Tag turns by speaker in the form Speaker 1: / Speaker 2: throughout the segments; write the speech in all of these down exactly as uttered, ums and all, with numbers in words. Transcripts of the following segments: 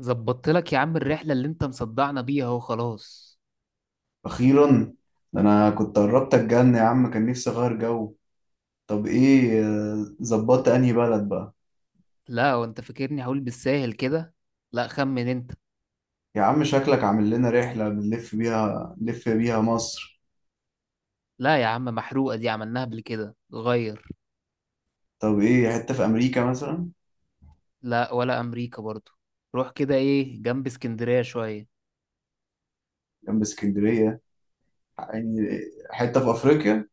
Speaker 1: ظبطت لك يا عم الرحلة اللي انت مصدعنا بيها اهو، خلاص.
Speaker 2: أخيرا. ده أنا كنت قربت أتجن يا عم، كان نفسي أغير جو. طب إيه، آه، ظبطت أنهي بلد بقى؟
Speaker 1: لا، وانت فاكرني هقول بالساهل كده؟ لا، خمن انت.
Speaker 2: يا عم شكلك عامل لنا رحلة بنلف بيها، نلف بيها مصر.
Speaker 1: لا يا عم، محروقة دي، عملناها قبل كده، غير.
Speaker 2: طب إيه، حتة في أمريكا مثلا؟
Speaker 1: لا، ولا امريكا برضو. روح كده، ايه، جنب اسكندرية شوية.
Speaker 2: جنب اسكندرية يعني؟ حتة في أفريقيا،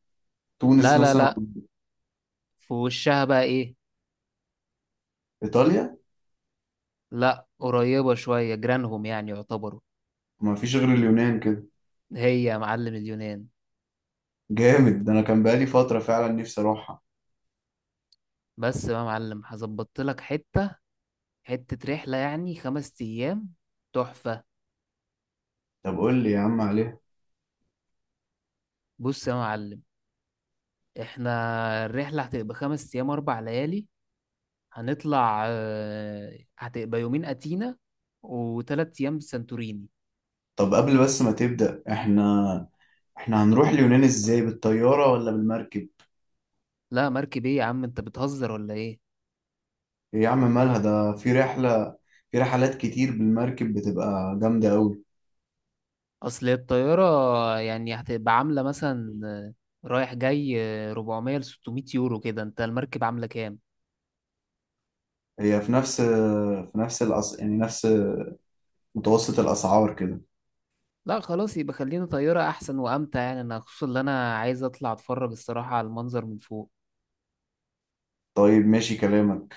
Speaker 1: لا
Speaker 2: تونس
Speaker 1: لا
Speaker 2: مثلا؟
Speaker 1: لا، في وشها بقى ايه؟
Speaker 2: إيطاليا؟
Speaker 1: لا، قريبة شوية، جيرانهم يعني يعتبروا.
Speaker 2: ما فيش غير اليونان كده.
Speaker 1: هي يا معلم، اليونان.
Speaker 2: جامد، ده أنا كان بقالي فترة فعلا نفسي أروحها.
Speaker 1: بس بقى يا معلم، هظبطت لك حتة، حتة رحلة يعني، خمس ايام، تحفة.
Speaker 2: طب قول لي يا عم عليها.
Speaker 1: بص يا معلم، احنا الرحلة هتبقى خمس أيام، أربع ليالي. هنطلع آه، هتبقى يومين أتينا وتلات أيام سانتوريني.
Speaker 2: طب قبل بس ما تبدأ، إحنا إحنا هنروح اليونان إزاي، بالطيارة ولا بالمركب؟
Speaker 1: لا، مركب إيه يا عم، أنت بتهزر ولا إيه؟
Speaker 2: إيه يا عم مالها، ده في رحلة، في رحلات كتير بالمركب بتبقى جامدة أوي.
Speaker 1: أصل الطيارة يعني هتبقى عاملة مثلا آه، رايح جاي، آه، أربعمائة ل ستمائة يورو كده. أنت المركب عاملة كام؟
Speaker 2: هي في نفس في نفس الأس... يعني نفس متوسط الأسعار كده.
Speaker 1: لا خلاص، يبقى خلينا طيارة أحسن وأمتع، يعني أنا خصوصا إن أنا عايز أطلع أتفرج الصراحة على المنظر من فوق.
Speaker 2: طيب ماشي كلامك.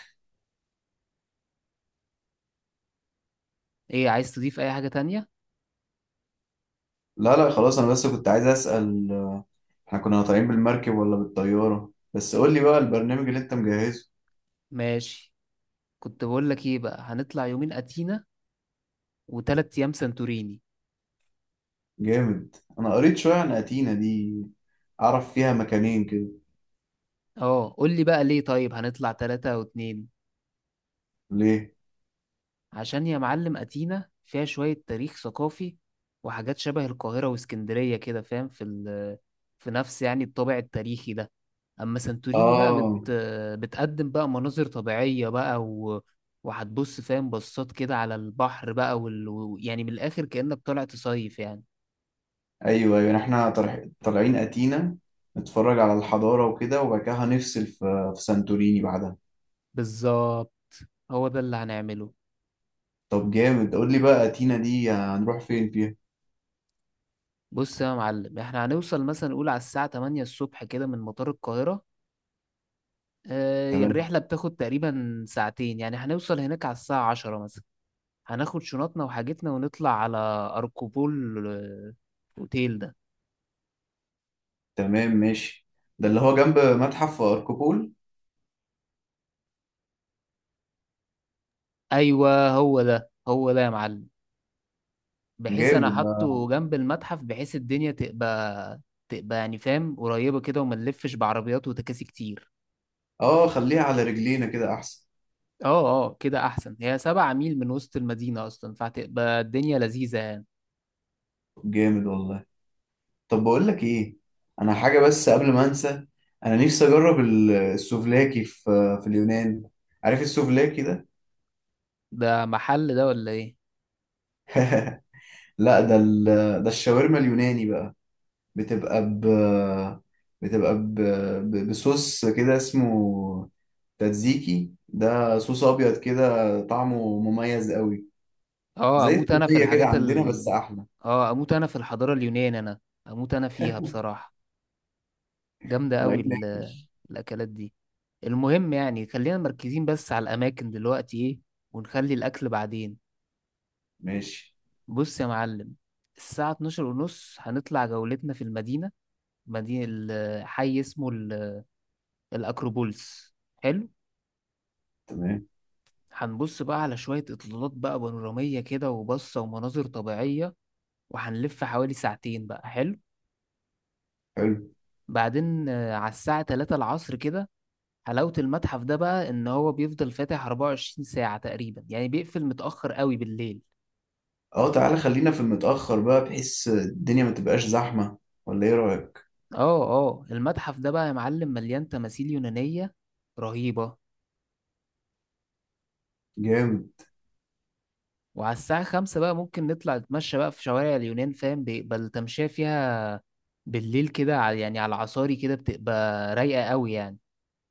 Speaker 1: إيه، عايز تضيف أي حاجة تانية؟
Speaker 2: لا لا، خلاص أنا بس كنت عايز أسأل احنا كنا طالعين بالمركب ولا بالطيارة. بس قول لي بقى البرنامج اللي أنت مجهزه.
Speaker 1: ماشي، كنت بقول لك ايه بقى، هنطلع يومين اتينا وتلات أيام سانتوريني.
Speaker 2: جامد. أنا قريت شوية عن أتينا دي، أعرف فيها مكانين كده.
Speaker 1: اه، قول لي بقى ليه طيب هنطلع تلاتة أو اتنين.
Speaker 2: ليه؟
Speaker 1: عشان يا معلم أتينا فيها شوية تاريخ ثقافي وحاجات شبه القاهرة واسكندرية كده، فاهم، في ال في نفس يعني الطابع التاريخي ده. أما سانتوريني بقى بت
Speaker 2: آه.
Speaker 1: بتقدم بقى مناظر طبيعية بقى، و... وهتبص، فاهم، بصات كده على البحر بقى، وال... و- يعني من الآخر كأنك طالع تصيف يعني.
Speaker 2: أيوه أيوه، يعني احنا طالع- طالعين أتينا نتفرج على الحضارة وكده، وبعد كده هنفصل في في سانتوريني بعدها.
Speaker 1: بالظبط، هو ده اللي هنعمله.
Speaker 2: طب جامد، قول لي بقى تينا دي هنروح فين فيها.
Speaker 1: بص يا معلم، احنا هنوصل مثلا نقول على الساعة تمانية الصبح كده من مطار القاهرة. اه، هي
Speaker 2: تمام.
Speaker 1: الرحلة بتاخد تقريبا ساعتين، يعني هنوصل هناك على الساعة عشرة مثلا. هناخد شنطنا وحاجتنا ونطلع على أركوبول آه، أوتيل ده.
Speaker 2: تمام ماشي، ده اللي هو جنب متحف اركوبول؟
Speaker 1: أيوة، هو ده، هو ده يا معلم. بحيث أنا
Speaker 2: جامد ده.
Speaker 1: حاطه جنب المتحف، بحيث الدنيا تبقى تبقى يعني، فاهم، قريبة كده وما نلفش بعربيات وتكاسي كتير.
Speaker 2: اه، خليها على رجلينا كده احسن.
Speaker 1: اه اه، كده أحسن، هي سبع ميل من وسط المدينة أصلا، فهتبقى الدنيا لذيذة يعني.
Speaker 2: جامد والله. طب بقول لك ايه، انا حاجه بس قبل ما انسى، انا نفسي اجرب ال- السوفلاكي في في اليونان. عارف السوفلاكي ده؟
Speaker 1: ده محل ده، ولا ايه؟
Speaker 2: لا، ده ال- ده الشاورما اليوناني بقى. بتبقى ب بتبقى ب... ب... بصوص كده اسمه تاتزيكي، ده صوص ابيض كده طعمه مميز قوي.
Speaker 1: اه،
Speaker 2: زي
Speaker 1: اموت انا في
Speaker 2: التوتيه كده
Speaker 1: الحاجات
Speaker 2: عندنا بس
Speaker 1: ال
Speaker 2: احلى.
Speaker 1: اه، اموت انا في الحضارة اليونانية، انا اموت انا فيها بصراحة. جامدة قوي
Speaker 2: طالعين ناكل.
Speaker 1: ال... الاكلات دي، المهم يعني خلينا مركزين بس على الاماكن دلوقتي، ايه، ونخلي الاكل بعدين.
Speaker 2: ماشي.
Speaker 1: بص يا معلم، الساعة الثانية عشرة ونص هنطلع جولتنا في المدينة، مدينة ال- حي اسمه ال- الأكروبولس، حلو.
Speaker 2: تمام.
Speaker 1: هنبص بقى على شوية إطلالات بقى بانورامية كده، وبصة ومناظر طبيعية، وهنلف حوالي ساعتين بقى، حلو.
Speaker 2: حلو.
Speaker 1: بعدين آه، على الساعة تلاتة العصر كده، حلاوة المتحف ده بقى إن هو بيفضل فاتح أربعة وعشرين ساعة تقريبا، يعني بيقفل متأخر قوي بالليل.
Speaker 2: اه تعالى خلينا في المتاخر بقى، بحيث الدنيا ما تبقاش زحمه، ولا ايه رايك؟
Speaker 1: اه اه، المتحف ده بقى يا معلم مليان تماثيل يونانية رهيبة.
Speaker 2: جامد.
Speaker 1: وعلى الساعة خمسة بقى ممكن نطلع نتمشى بقى في شوارع اليونان، فاهم، بيقبل تمشية فيها بالليل كده، على- يعني على العصاري كده، بتبقى رايقة قوي يعني،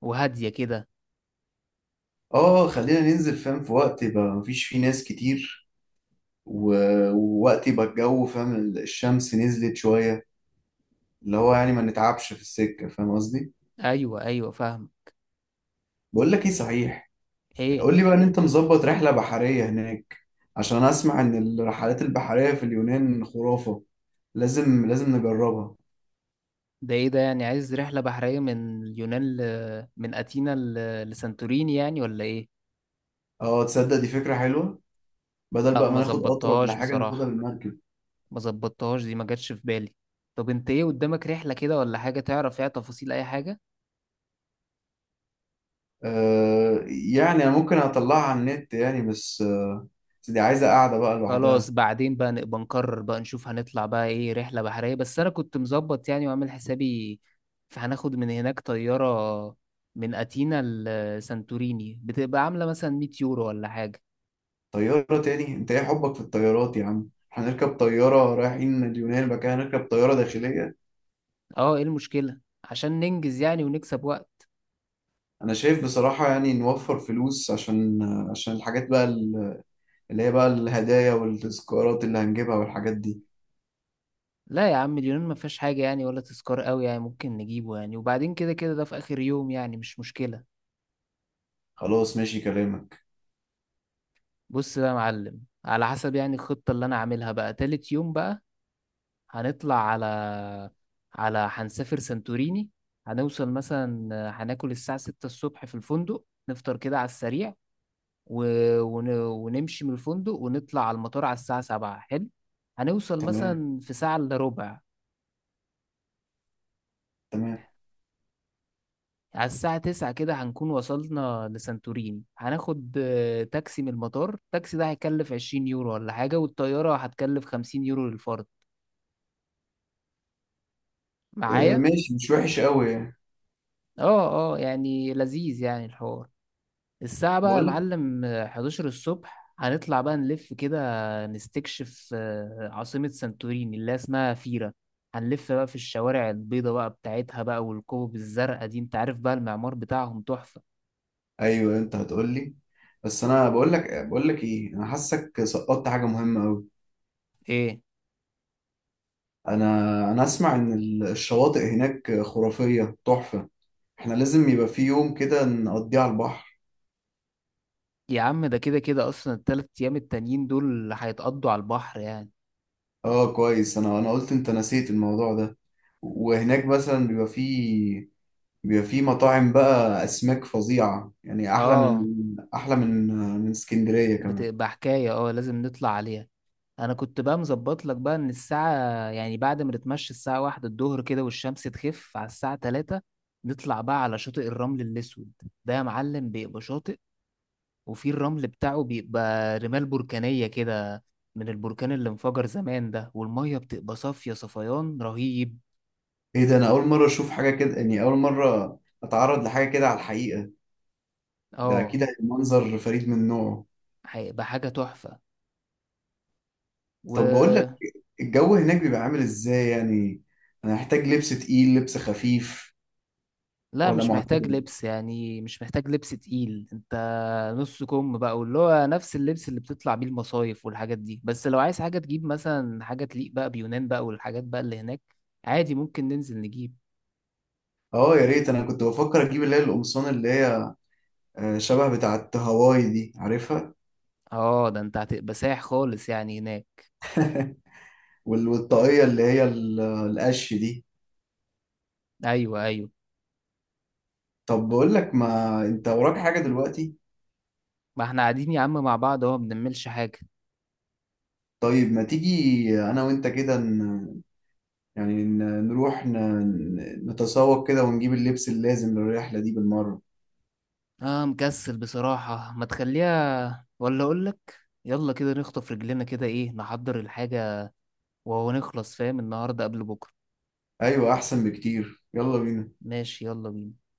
Speaker 1: وهادية كده.
Speaker 2: اه خلينا ننزل فاهم في وقت يبقى مفيش فيه ناس كتير، و... ووقت يبقى الجو فاهم الشمس نزلت شويه، اللي هو يعني ما نتعبش في السكه فاهم قصدي.
Speaker 1: أيوة أيوة، فاهم.
Speaker 2: بقول لك ايه صحيح،
Speaker 1: إيه
Speaker 2: قول لي بقى ان انت مظبط رحلة بحرية هناك، عشان أنا اسمع ان الرحلات البحرية في اليونان خرافة. لازم لازم نجربها.
Speaker 1: ده ايه ده يعني عايز رحلة بحرية من اليونان، ل... من أثينا ل... لسانتوريني يعني، ولا ايه؟
Speaker 2: اه تصدق دي فكرة حلوة، بدل
Speaker 1: لا،
Speaker 2: بقى ما
Speaker 1: ما
Speaker 2: ناخد قطر ولا
Speaker 1: ظبطتهاش
Speaker 2: حاجة ناخدها
Speaker 1: بصراحة،
Speaker 2: بالمركب.
Speaker 1: ما ظبطتهاش، دي ما جاتش في بالي. طب انت ايه قدامك رحلة كده ولا حاجة تعرف فيها تفاصيل أي حاجة؟
Speaker 2: آه يعني انا ممكن اطلعها على النت يعني، بس آه بس دي عايزة قاعدة بقى لوحدها.
Speaker 1: خلاص، بعدين بقى نبقى نقرر بقى نشوف هنطلع بقى ايه رحلة بحرية، بس أنا كنت مظبط يعني وعامل حسابي، فهناخد من هناك طيارة من أثينا لسانتوريني، بتبقى عاملة مثلا ميت يورو ولا حاجة.
Speaker 2: طيارة تاني؟ انت ايه حبك في الطيارات يا عم، هنركب طيارة رايحين اليونان بقى هنركب طيارة داخلية؟
Speaker 1: اه، ايه المشكلة؟ عشان ننجز يعني ونكسب وقت.
Speaker 2: انا شايف بصراحة يعني نوفر فلوس عشان، آه، عشان الحاجات بقى اللي هي بقى الهدايا والتذكارات اللي هنجيبها والحاجات دي.
Speaker 1: لا يا عم، اليونان ما فيهاش حاجة يعني ولا تذكار قوي يعني ممكن نجيبه، يعني وبعدين كده كده ده في آخر يوم، يعني مش مشكلة.
Speaker 2: خلاص ماشي كلامك.
Speaker 1: بص بقى يا معلم، على حسب يعني الخطة اللي أنا عاملها بقى، تالت يوم بقى هنطلع على على هنسافر سانتوريني. هنوصل مثلا، هناكل الساعة ستة الصبح في الفندق، نفطر كده على السريع، و... ون... ونمشي من الفندق ونطلع على المطار على الساعة سبعة، حلو. هنوصل
Speaker 2: تمام.
Speaker 1: مثلا في ساعة إلا ربع.
Speaker 2: تمام.
Speaker 1: على الساعة تسعة كده هنكون وصلنا لسانتوريني، هناخد آه، تاكسي من المطار، التاكسي ده هيكلف عشرين يورو ولا حاجة، والطيارة هتكلف خمسين يورو للفرد.
Speaker 2: آه،
Speaker 1: معايا؟
Speaker 2: ماشي، مش وحش قوي يعني.
Speaker 1: اه اه، يعني لذيذ يعني الحوار. الساعة بقى يا
Speaker 2: بقول لك.
Speaker 1: معلم آه، حداشر الصبح هنطلع بقى نلف كده، نستكشف آه، عاصمة سانتوريني اللي هي اسمها فيرا. هنلف بقى في الشوارع البيضة بقى بتاعتها بقى، والكوب الزرقاء دي، انت عارف بقى المعمار بتاعهم تحفة.
Speaker 2: ايوه انت هتقول لي، بس انا بقول لك، بقول لك ايه، انا حاسك سقطت حاجه مهمه قوي.
Speaker 1: ايه
Speaker 2: انا انا اسمع ان ال- الشواطئ هناك خرافيه تحفه، احنا لازم يبقى في يوم كده نقضيه على البحر.
Speaker 1: يا عم، ده كده كده اصلا التلات ايام التانيين دول هيتقضوا على البحر يعني.
Speaker 2: اه كويس، انا انا قلت انت نسيت الموضوع ده. وهناك مثلا بيبقى فيه، بيبقى في مطاعم بقى أسماك فظيعة يعني، أحلى من
Speaker 1: اه،
Speaker 2: أحلى من من اسكندرية كمان.
Speaker 1: بتبقى حكاية، اه لازم نطلع عليها. انا كنت بقى مظبط لك بقى ان الساعة، يعني بعد ما نتمشى الساعة واحدة الظهر كده والشمس تخف على الساعة تلاتة، نطلع بقى على شاطئ الرمل الاسود. ده يا معلم بيبقى شاطئ، وفي الرمل بتاعه بيبقى رمال بركانية كده، من البركان اللي انفجر زمان ده، والمية بتبقى صافية صفيان رهيب.
Speaker 2: إيه ده، أنا أول مرة أشوف حاجة كده يعني، أول مرة أتعرض لحاجة كده على الحقيقة. ده
Speaker 1: اه،
Speaker 2: أكيد هيبقى منظر فريد من نوعه.
Speaker 1: هيبقى حاجة تحفة
Speaker 2: طب بقول لك،
Speaker 1: و
Speaker 2: الجو هناك بيبقى عامل إزاي يعني، أنا هحتاج لبس تقيل، لبس خفيف،
Speaker 1: لا،
Speaker 2: ولا
Speaker 1: مش محتاج
Speaker 2: معتدل؟
Speaker 1: لبس يعني، مش محتاج لبس تقيل انت، نص كم بقى، واللي هو نفس اللبس اللي بتطلع بيه المصايف والحاجات دي، بس لو عايز حاجة تجيب مثلا حاجة تليق بقى بيونان بقى، والحاجات بقى اللي هناك، عادي ممكن ننزل نجيب.
Speaker 2: اه يا ريت، انا كنت بفكر اجيب اللي هي القمصان اللي هي آه، شبه بتاعه هواي دي، عارفها؟
Speaker 1: اه، ده انت هتبقى سايح خالص يعني هناك.
Speaker 2: وال- والطاقيه اللي هي ال- القش دي.
Speaker 1: ايوه ايوه،
Speaker 2: طب بقول لك، ما انت وراك حاجه دلوقتي؟
Speaker 1: ما احنا قاعدين يا عم مع بعض اهو، ما بنعملش حاجة.
Speaker 2: طيب ما تيجي انا وانت كده ن... يعني ن- نروح ن... نتسوق كده ونجيب اللبس اللازم للرحلة دي بالمرة.
Speaker 1: اه مكسل بصراحة، ما تخليها ولا اقولك، يلا كده نخطف رجلنا كده، ايه، نحضر الحاجة وهو نخلص، فاهم، النهاردة قبل بكرة.
Speaker 2: ايوه احسن بكتير، يلا بينا.
Speaker 1: ماشي، يلا بينا.